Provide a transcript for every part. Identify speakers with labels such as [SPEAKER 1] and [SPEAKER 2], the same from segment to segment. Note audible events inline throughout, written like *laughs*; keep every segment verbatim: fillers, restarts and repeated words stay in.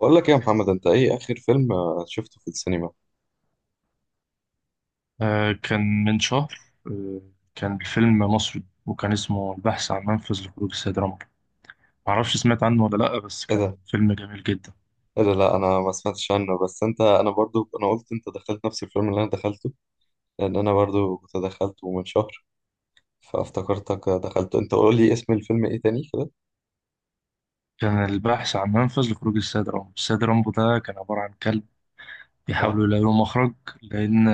[SPEAKER 1] بقول لك ايه يا محمد، انت ايه اخر فيلم آه، شفته في السينما؟
[SPEAKER 2] آه، كان من شهر. آه، كان الفيلم مصري وكان اسمه البحث عن منفذ لخروج السيد رامبو. معرفش سمعت عنه ولا لأ، بس
[SPEAKER 1] ايه
[SPEAKER 2] كان
[SPEAKER 1] ده
[SPEAKER 2] فيلم جميل جدا.
[SPEAKER 1] ايه ده لا انا ما سمعتش عنه، بس انت انا برضو انا قلت انت دخلت نفس الفيلم اللي انا دخلته. لان انا برضو كنت دخلته من شهر. فافتكرتك دخلته انت. قول لي اسم الفيلم ايه تاني كده؟
[SPEAKER 2] كان البحث عن منفذ لخروج السيد رامبو. السيد رامبو ده كان عبارة عن كلب
[SPEAKER 1] اه.
[SPEAKER 2] بيحاولوا يلاقوا له مخرج، لأن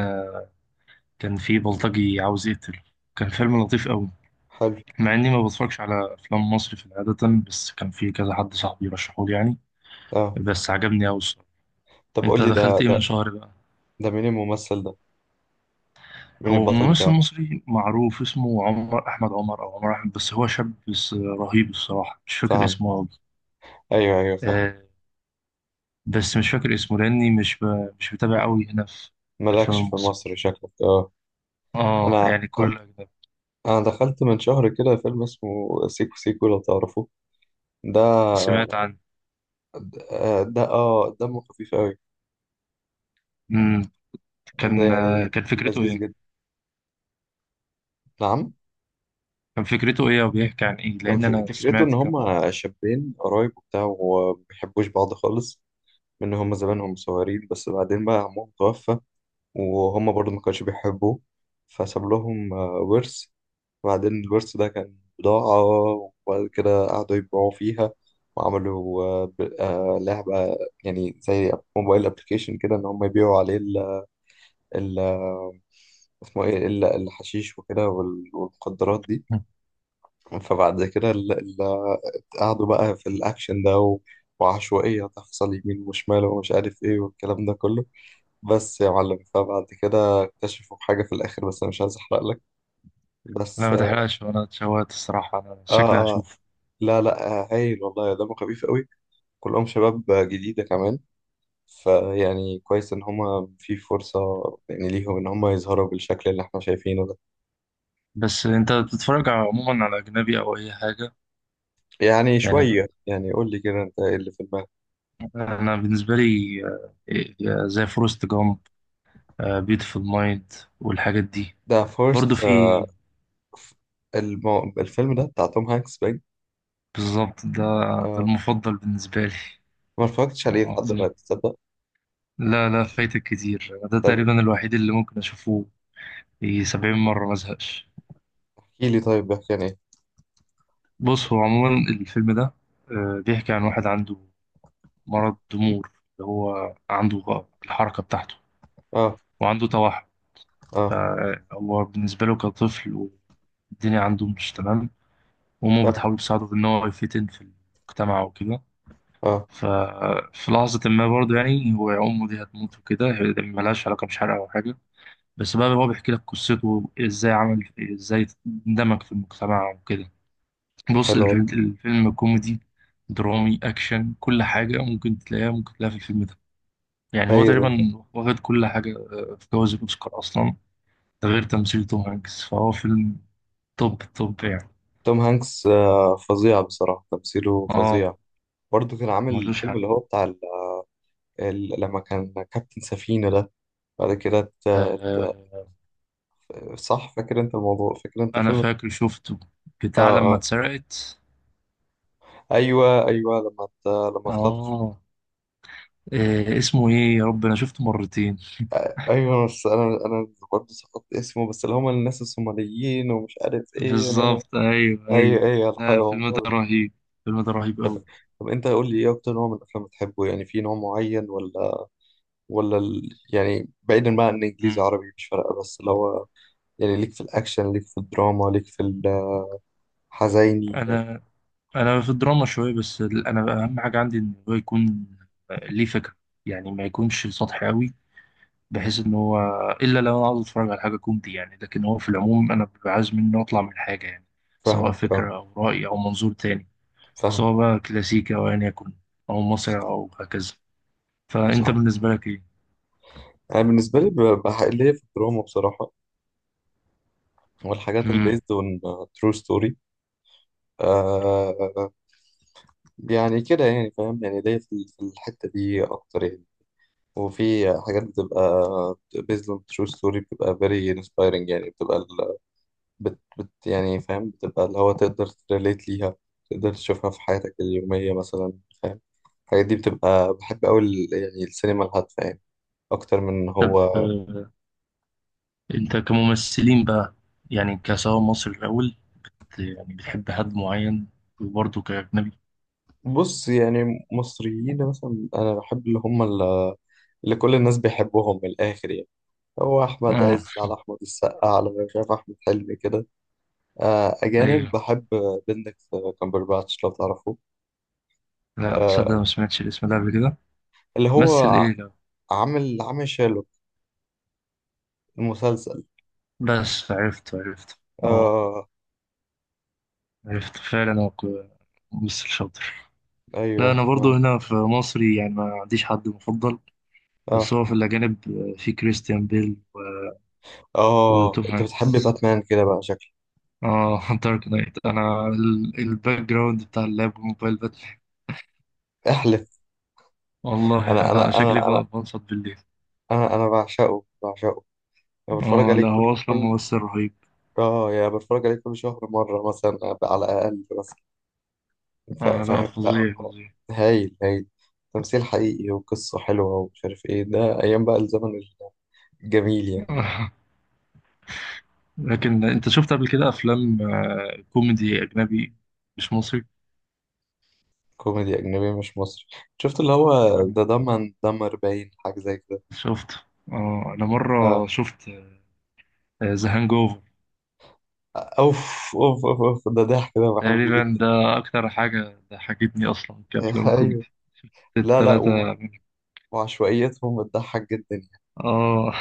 [SPEAKER 2] كان في بلطجي عاوز يقتله. كان فيلم لطيف قوي،
[SPEAKER 1] حلو.
[SPEAKER 2] مع إني ما بتفرجش على أفلام مصري في العادة، بس كان في كذا حد صاحبي رشحولي يعني.
[SPEAKER 1] اه.
[SPEAKER 2] بس عجبني قوي الصراحة.
[SPEAKER 1] طب
[SPEAKER 2] أنت
[SPEAKER 1] قول لي،
[SPEAKER 2] دخلت
[SPEAKER 1] ده
[SPEAKER 2] إيه
[SPEAKER 1] ده
[SPEAKER 2] من شهر بقى؟
[SPEAKER 1] ده مين الممثل ده؟ مين
[SPEAKER 2] هو
[SPEAKER 1] البطل
[SPEAKER 2] ممثل
[SPEAKER 1] بتاعه؟
[SPEAKER 2] مصري معروف اسمه عمر احمد عمر او عمر احمد، بس هو شاب بس رهيب الصراحه، مش فاكر
[SPEAKER 1] فاهم.
[SPEAKER 2] اسمه قوي.
[SPEAKER 1] ايوه ايوه، فاهم.
[SPEAKER 2] آه. بس مش فاكر اسمه، لاني مش ب... مش متابع قوي هنا في الافلام
[SPEAKER 1] مالكش في
[SPEAKER 2] المصري.
[SPEAKER 1] مصر شكلك، اه.
[SPEAKER 2] اه
[SPEAKER 1] انا
[SPEAKER 2] يعني كل اجنبي.
[SPEAKER 1] انا دخلت من شهر كده فيلم اسمه سيكو سيكو لو تعرفه. ده
[SPEAKER 2] سمعت عنه.
[SPEAKER 1] آه، ده اه دمه خفيف قوي.
[SPEAKER 2] امم
[SPEAKER 1] ده
[SPEAKER 2] كان، آه،
[SPEAKER 1] يعني
[SPEAKER 2] كان فكرته
[SPEAKER 1] لذيذ
[SPEAKER 2] ايه؟
[SPEAKER 1] جدا. نعم.
[SPEAKER 2] كان فكرته ايه وبيحكي عن ايه؟
[SPEAKER 1] كان
[SPEAKER 2] لان
[SPEAKER 1] ف-
[SPEAKER 2] انا
[SPEAKER 1] فكرته ان
[SPEAKER 2] سمعت كم حد.
[SPEAKER 1] هما شابين قرايب وبتاع، وما بيحبوش بعض خالص. من هما زمانهم صغيرين، بس بعدين بقى عمهم توفى. وهما برضه ما كانوش بيحبوه. فساب لهم آه، ورث. وبعدين الورث ده كان بضاعة. وبعد كده قعدوا يبيعوا فيها. وعملوا آه، ب- آه، لعبة، يعني زي موبايل ابلكيشن كده، ان هما يبيعوا عليه ال اسمه ايه، الا الحشيش وكده وال- والمخدرات دي.
[SPEAKER 2] مم.
[SPEAKER 1] فبعد كده اللي قعدوا بقى في الاكشن ده و- وعشوائية تحصل يمين وشمال ومش عارف ايه والكلام ده كله. بس يا معلم، فبعد كده اكتشفوا حاجة في الاخر، بس انا مش عايز احرق لك.
[SPEAKER 2] لا
[SPEAKER 1] بس
[SPEAKER 2] ما
[SPEAKER 1] اه.
[SPEAKER 2] تحرقش، وانا اتشوقت الصراحه، انا شكلي
[SPEAKER 1] اه،
[SPEAKER 2] هشوف.
[SPEAKER 1] لا لا، آه هايل والله، دمه خفيف قوي. كلهم شباب جديدة كمان. فيعني كويس ان هما في فرصة يعني ليهم، ان هما يظهروا بالشكل اللي احنا شايفينه ده.
[SPEAKER 2] بس انت بتتفرج على- عموما على اجنبي او اي حاجه؟
[SPEAKER 1] يعني
[SPEAKER 2] يعني
[SPEAKER 1] شوية، يعني قول لي كده، انت ايه اللي في دماغك؟
[SPEAKER 2] انا بالنسبه لي، آه، آه، زي فورست جامب، بيوتيفول مايند والحاجات دي.
[SPEAKER 1] ده
[SPEAKER 2] برضو
[SPEAKER 1] فورست،
[SPEAKER 2] في،
[SPEAKER 1] المو... الفيلم ده بتاع توم هانكس باين.
[SPEAKER 2] بالظبط ده. ده
[SPEAKER 1] اه،
[SPEAKER 2] المفضل بالنسبه لي.
[SPEAKER 1] ما اتفرجتش عليه لحد
[SPEAKER 2] عظيم.
[SPEAKER 1] دلوقتي، تصدق.
[SPEAKER 2] لا لا، فايتك كتير. ده
[SPEAKER 1] طب
[SPEAKER 2] تقريبا الوحيد اللي ممكن اشوفه في سبعين مره ما ازهقش.
[SPEAKER 1] احكي لي طيب، بيحكي عن ايه؟
[SPEAKER 2] بص هو عموما الفيلم ده، آه، بيحكي عن واحد عنده مرض ضمور، اللي هو عنده غ- الحركه بتاعته،
[SPEAKER 1] اه،
[SPEAKER 2] وعنده توحد.
[SPEAKER 1] اه،
[SPEAKER 2] فهو بالنسبه له كطفل، والدنيا عنده مش تمام. وأمه
[SPEAKER 1] اه،
[SPEAKER 2] بتحاول تساعده بإن هو يفتن في المجتمع وكده.
[SPEAKER 1] اه.
[SPEAKER 2] ففي لحظة ما برضه، يعني هو أمه دي هتموت وكده، هي دي ملهاش علاقة، مش حرق أو حاجة. بس بقى هو بيحكي لك قصته إزاي، عمل إزاي اندمج في المجتمع وكده. بص
[SPEAKER 1] حلو والله.
[SPEAKER 2] الفيلم الفيلم كوميدي، درامي، أكشن، كل حاجة ممكن تلاقيها، ممكن تلاقيها في الفيلم ده. يعني هو
[SPEAKER 1] هايل والله.
[SPEAKER 2] تقريبا واخد كل حاجة، آه، في جوائز الأوسكار أصلا. ده غير تمثيل توم هانكس. فهو فيلم توب توب يعني.
[SPEAKER 1] توم هانكس آه فظيع بصراحة، تمثيله فظيع.
[SPEAKER 2] اه،
[SPEAKER 1] برضه كان عامل
[SPEAKER 2] ملوش
[SPEAKER 1] الفيلم
[SPEAKER 2] حل.
[SPEAKER 1] اللي هو بتاع ال... ال... لما كان كابتن سفينة ده. بعد كده ت... ت...
[SPEAKER 2] آه،
[SPEAKER 1] صح، فاكر انت الموضوع؟ فاكر انت
[SPEAKER 2] انا
[SPEAKER 1] الفيلم؟
[SPEAKER 2] فاكر شفته، بتاع
[SPEAKER 1] اه
[SPEAKER 2] لما
[SPEAKER 1] اه.
[SPEAKER 2] اتسرقت.
[SPEAKER 1] ايوه ايوه، لما ت... لما اتخطف.
[SPEAKER 2] اه، إيه اسمه، ايه يا رب، انا شفته مرتين. *laughs*
[SPEAKER 1] ايوه، بس انا انا برضه سقطت اسمه، بس اللي هم الناس الصوماليين ومش عارف ايه، انا انا
[SPEAKER 2] بالظبط، ايوه
[SPEAKER 1] ايوه
[SPEAKER 2] ايوه.
[SPEAKER 1] ايوه،
[SPEAKER 2] لا
[SPEAKER 1] الحقيقه هو
[SPEAKER 2] الفيلم
[SPEAKER 1] موضوع
[SPEAKER 2] ده
[SPEAKER 1] ده.
[SPEAKER 2] رهيب. الفيلم ده رهيب
[SPEAKER 1] طب
[SPEAKER 2] قوي.
[SPEAKER 1] طب انت قول لي، ايه اكتر نوع من الافلام بتحبه؟ يعني في نوع معين ولا؟ ولا ال... يعني بعيدا بقى عن انجليزي
[SPEAKER 2] مم.
[SPEAKER 1] عربي مش فارقه، بس اللي هو يعني، ليك في الاكشن، ليك في الدراما، ليك في الحزيني؟
[SPEAKER 2] انا انا في الدراما شويه، بس ال- انا اهم حاجه عندي ان هو يكون ليه فكره. يعني ما يكونش سطحي قوي، بحيث ان هو، الا لو انا عاوز اتفرج على حاجه كوميدي يعني. لكن هو في العموم انا ببقى عايز منه اطلع من حاجه يعني، سواء
[SPEAKER 1] فاهمك، اه،
[SPEAKER 2] فكره او راي او منظور تاني.
[SPEAKER 1] فاهم.
[SPEAKER 2] سواء بقى كلاسيكي أو أيا يكن، أو مصري أو هكذا. فأنت
[SPEAKER 1] صح،
[SPEAKER 2] بالنسبة لك إيه؟
[SPEAKER 1] انا بالنسبه لي ببقى حق- ليا في الدراما بصراحه، والحاجات
[SPEAKER 2] مم.
[SPEAKER 1] البيزد اون ترو ستوري، يعني كده، يعني فاهم، يعني ليا في في الحتة دي أكتر يعني. وفي حاجات بتبقى based on true story، بتبقى very inspiring، يعني بتبقى ال... بت... بت... يعني فاهم، بتبقى اللي هو تقدر تريليت ليها، تقدر تشوفها في حياتك اليومية مثلا، فاهم. الحاجات دي بتبقى بحب أوي ال- يعني السينما الهادفة يعني، أكتر من إن
[SPEAKER 2] طب،
[SPEAKER 1] هو.
[SPEAKER 2] آه، أنت كممثلين بقى، يعني كسواء مصري الأول، يعني بتحب حد معين؟ وبرضه كأجنبي؟
[SPEAKER 1] بص، يعني مصريين مثلا أنا بحب اللي هم ال- اللي كل الناس بيحبوهم من الآخر، يعني هو أحمد
[SPEAKER 2] آه.
[SPEAKER 1] عز، على أحمد السقا، على مش عارف، أحمد حلمي كده. آه، أجانب
[SPEAKER 2] أيوه.
[SPEAKER 1] بحب بندكت كامبرباتش لو تعرفه.
[SPEAKER 2] لا
[SPEAKER 1] آه،
[SPEAKER 2] صدق، ما سمعتش الاسم ده قبل كده.
[SPEAKER 1] اللي هو
[SPEAKER 2] مثل
[SPEAKER 1] ع-
[SPEAKER 2] إيه ده؟
[SPEAKER 1] عامل عامل شيرلوك، المسلسل.
[SPEAKER 2] بس عرفت، عرفت آه.
[SPEAKER 1] آه
[SPEAKER 2] عرفت فعلا أنا. ك- ممثل شاطر. لا أنا
[SPEAKER 1] أيوه، ما.
[SPEAKER 2] برضه هنا في مصري يعني ما عنديش حد مفضل. بس
[SPEAKER 1] آه،
[SPEAKER 2] هو في الأجانب، آه، في كريستيان بيل
[SPEAKER 1] آه،
[SPEAKER 2] وتوم
[SPEAKER 1] أنت بتحب
[SPEAKER 2] هانكس.
[SPEAKER 1] باتمان كده بقى شكلك.
[SPEAKER 2] اه، دارك نايت، انا ال- الباك جراوند بتاع اللاب والموبايل باتل.
[SPEAKER 1] احلف.
[SPEAKER 2] والله
[SPEAKER 1] أنا
[SPEAKER 2] انا
[SPEAKER 1] أنا
[SPEAKER 2] شكلي
[SPEAKER 1] أنا أنا
[SPEAKER 2] ب- بنصت بالليل.
[SPEAKER 1] أنا أنا بعشقه بعشقه. أنا بتفرج
[SPEAKER 2] اه
[SPEAKER 1] عليه
[SPEAKER 2] لا هو
[SPEAKER 1] كل
[SPEAKER 2] اصلا
[SPEAKER 1] كل
[SPEAKER 2] ممثل رهيب.
[SPEAKER 1] آه يعني بتفرج عليه كل شهر مرة مثلا، على الأقل مثلا. فا-
[SPEAKER 2] آه لا،
[SPEAKER 1] فاهم، لا
[SPEAKER 2] فظيع
[SPEAKER 1] هو
[SPEAKER 2] فظيع.
[SPEAKER 1] هايل هايل، تمثيل حقيقي وقصة حلوة ومش عارف إيه، ده أيام بقى الزمن الجميل يعني.
[SPEAKER 2] *laughs* آه، لكن انت شفت قبل كده افلام، آه، كوميدي اجنبي، مش مصري؟
[SPEAKER 1] كوميدي أجنبي مش مصري، شفت اللي هو، ده دمن دمر باين، حاجة زي كده.
[SPEAKER 2] شفت. اه انا مره شفت ذا هانج اوفر.
[SPEAKER 1] أوف، أوف، أوف، أوف، ده ضحك، ده بحبه
[SPEAKER 2] تقريبا
[SPEAKER 1] جدا.
[SPEAKER 2] ده اكتر حاجه ضحكتني اصلا كافلام
[SPEAKER 1] *laughs* أيوه.
[SPEAKER 2] كوميدي،
[SPEAKER 1] لا لا،
[SPEAKER 2] التلاتة.
[SPEAKER 1] و... وعشوائيتهم بتضحك جدا يعني.
[SPEAKER 2] اه.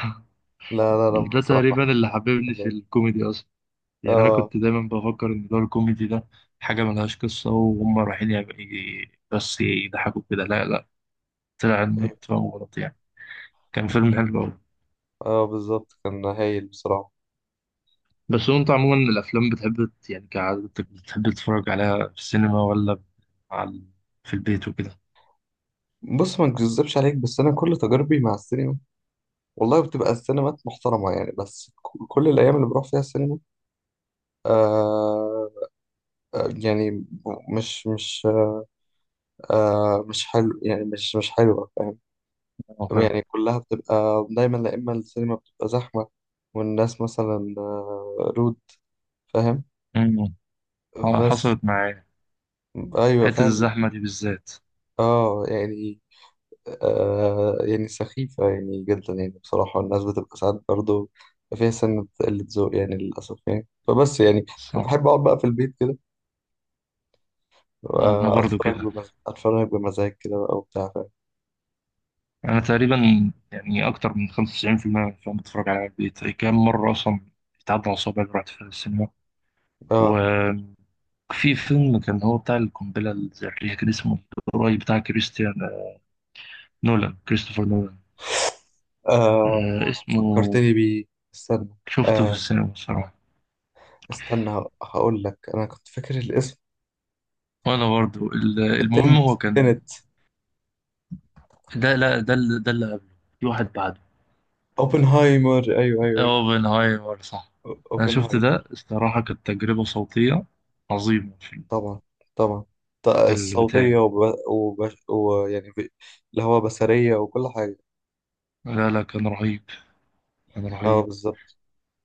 [SPEAKER 1] لا
[SPEAKER 2] *laughs*
[SPEAKER 1] لا لا،
[SPEAKER 2] ده
[SPEAKER 1] بصراحة.
[SPEAKER 2] تقريبا اللي حببني في
[SPEAKER 1] بحبه.
[SPEAKER 2] الكوميدي اصلا. يعني انا
[SPEAKER 1] آه
[SPEAKER 2] كنت دايما بفكر ان دور الكوميدي ده حاجه ملهاش قصه وهم رايحين يعمل- ي- بس يضحكوا كده. لا لا، طلع ان أنا
[SPEAKER 1] أيوه.
[SPEAKER 2] كنت فاهم غلط يعني. كان فيلم حلو قوي.
[SPEAKER 1] آه بالظبط، كان هايل بصراحة.
[SPEAKER 2] بس هو انت عموما الافلام بتحب ت- يعني كعادتك بتحب تتفرج عليها في السينما ولا على، في البيت وكده؟
[SPEAKER 1] بص، ما نكذبش عليك، بس أنا كل تجاربي مع السينما والله بتبقى السينمات محترمة، يعني بس ك- كل الأيام اللي بروح فيها السينما، آه آه، يعني مش مش آه مش حلو يعني، مش مش حلوة.
[SPEAKER 2] اه فاهم.
[SPEAKER 1] يعني كلها بتبقى دايما، لا، إما السينما بتبقى زحمة والناس مثلا آه، رود، فاهم.
[SPEAKER 2] أمم. آه،
[SPEAKER 1] بس
[SPEAKER 2] حصلت معايا
[SPEAKER 1] أيوة،
[SPEAKER 2] حته
[SPEAKER 1] فاهم.
[SPEAKER 2] الزحمه دي بالذات.
[SPEAKER 1] اه يعني، آه يعني سخيفة يعني جدا، يعني بصراحة الناس بتبقى ساعات برضه فيها سنة قلة ذوق يعني للأسف يعني، فبس يعني
[SPEAKER 2] صح.
[SPEAKER 1] فبحب أقعد بقى في البيت كده،
[SPEAKER 2] انا
[SPEAKER 1] آه،
[SPEAKER 2] برضو
[SPEAKER 1] أتفرج
[SPEAKER 2] كده.
[SPEAKER 1] بمز... أتفرج بمزاج كده بقى وبتاع، فاهم.
[SPEAKER 2] انا تقريبا يعني اكتر من خمسة وتسعين في المية من الافلام بتفرج عليها في البيت. كام مره اصلا بتعدي على صوابعي رحت في السينما.
[SPEAKER 1] اه،
[SPEAKER 2] وفي فيلم كان هو بتاع القنبلة الذرية، كان اسمه، القريب بتاع كريستيان، آه، نولان، كريستوفر نولان. آه
[SPEAKER 1] آه،
[SPEAKER 2] اسمه.
[SPEAKER 1] فكرتني بيه. استنى.
[SPEAKER 2] شفته في
[SPEAKER 1] آه،
[SPEAKER 2] السينما الصراحة.
[SPEAKER 1] استنى، ه- هقول لك انا كنت فاكر الاسم.
[SPEAKER 2] وأنا برضو ال- المهم
[SPEAKER 1] التنت
[SPEAKER 2] هو كان،
[SPEAKER 1] تنت.
[SPEAKER 2] ده لا، ده اللي ده اللي قبله، في واحد بعده.
[SPEAKER 1] اوبنهايمر، ايوه ايوه، أيوة.
[SPEAKER 2] اوبنهايمر، صح. أنا شفت
[SPEAKER 1] اوبنهايمر.
[SPEAKER 2] ده الصراحة، كانت تجربة صوتية عظيمة في،
[SPEAKER 1] طبعا، طبعا، ط-
[SPEAKER 2] في
[SPEAKER 1] الصوتية
[SPEAKER 2] البتاع.
[SPEAKER 1] وب... وب... ويعني ب... اللي هو بصرية وكل حاجة.
[SPEAKER 2] لا لا كان رهيب. كان
[SPEAKER 1] اه
[SPEAKER 2] رهيب.
[SPEAKER 1] بالظبط.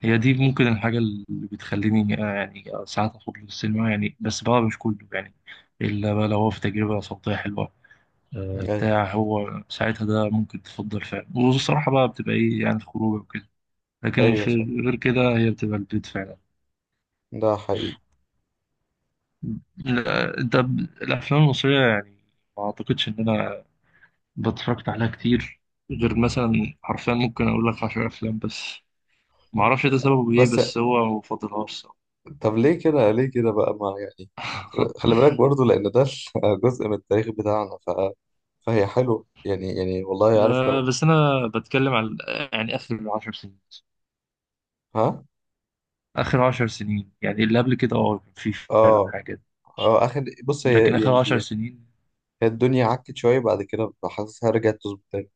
[SPEAKER 2] هي دي ممكن الحاجة اللي بتخليني، آه، يعني آه، ساعات أخرج للسينما يعني. بس بقى مش كله يعني، إلا بقى لو هو في تجربة صوتية حلوة، آه،
[SPEAKER 1] ايوه
[SPEAKER 2] بتاع. هو ساعتها ده ممكن تفضل فعلا، والصراحة بقى بتبقى إيه يعني، خروجة وكده. لكن
[SPEAKER 1] ايوه
[SPEAKER 2] في
[SPEAKER 1] صح.
[SPEAKER 2] غير كده هي بتبقى البيت فعلا.
[SPEAKER 1] ده حقيقي.
[SPEAKER 2] لا، ده ب- الأفلام المصرية يعني ما أعتقدش إن أنا بتفرجت عليها كتير، غير مثلا حرفيا ممكن أقول لك عشر أفلام بس. معرفش ده سببه إيه،
[SPEAKER 1] بس
[SPEAKER 2] بس هو مفضلهاش الصراحة.
[SPEAKER 1] طب ليه كده، ليه كده بقى، ما يعني
[SPEAKER 2] *laughs*
[SPEAKER 1] خلي بالك برضو لان ده *laughs* جزء من التاريخ بتاعنا، ف... فهي حلوة يعني يعني والله عارف لو.
[SPEAKER 2] ب- بس انا بتكلم على يعني اخر عشر سنين.
[SPEAKER 1] ها.
[SPEAKER 2] اخر عشر سنين، يعني اللي قبل كده اه كان في فعلا
[SPEAKER 1] اه
[SPEAKER 2] حاجات،
[SPEAKER 1] اه، اخر، بص
[SPEAKER 2] لكن
[SPEAKER 1] هي
[SPEAKER 2] اخر عشر
[SPEAKER 1] يعني،
[SPEAKER 2] سنين
[SPEAKER 1] هي الدنيا عكت شوية بعد كده، ببقى حاسسها رجعت تظبط تاني.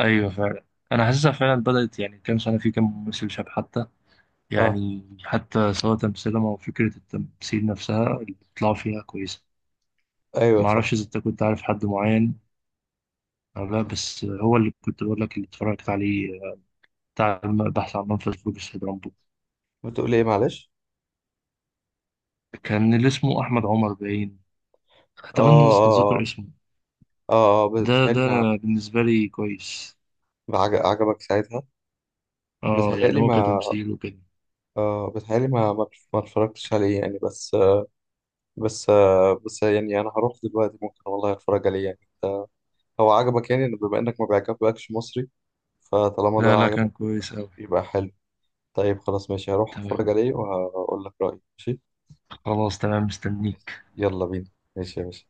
[SPEAKER 2] ايوه فعلا. انا حاسسها فعلا بدأت يعني كام سنة، في كام ممثل شاب حتى،
[SPEAKER 1] اه،
[SPEAKER 2] يعني حتى سواء تمثيلهم او فكرة التمثيل نفسها اللي طلعوا فيها كويسة.
[SPEAKER 1] ايوه
[SPEAKER 2] ما
[SPEAKER 1] صح.
[SPEAKER 2] اعرفش اذا انت كنت عارف حد معين او لا، بس هو اللي كنت بقول لك اللي اتفرجت عليه، بتاع البحث عن منفذ خروج السيد رامبو،
[SPEAKER 1] بتقول ايه، معلش؟
[SPEAKER 2] كان اللي اسمه احمد عمر باين.
[SPEAKER 1] اه،
[SPEAKER 2] اتمنى أن
[SPEAKER 1] اه،
[SPEAKER 2] اتذكر
[SPEAKER 1] اه،
[SPEAKER 2] اسمه.
[SPEAKER 1] اه. آه، بت-
[SPEAKER 2] ده
[SPEAKER 1] بتهيألي
[SPEAKER 2] ده
[SPEAKER 1] ما
[SPEAKER 2] أنا بالنسبة لي كويس.
[SPEAKER 1] ما عج- عجبك ساعتها.
[SPEAKER 2] اه يعني
[SPEAKER 1] بتهيألي
[SPEAKER 2] هو
[SPEAKER 1] ما،
[SPEAKER 2] كتمثيل وكده.
[SPEAKER 1] آه بتهيألي ما ما ما اتفرجتش عليه يعني، بس آه، بس آه، بس يعني انا هروح دلوقتي، ممكن والله اتفرج عليه يعني. انت، هو عجبك يعني بما انك ما بيعجبكش مصري، فطالما ده
[SPEAKER 2] لا لا كان
[SPEAKER 1] عجبك، يبقى
[SPEAKER 2] كويس أوي.
[SPEAKER 1] يبقى حلو. طيب خلاص ماشي، هروح
[SPEAKER 2] تمام.
[SPEAKER 1] اتفرج عليه وهقول لك رأيي، ماشي.
[SPEAKER 2] خلاص تمام، مستنيك.
[SPEAKER 1] يلا بينا. ماشي يا باشا.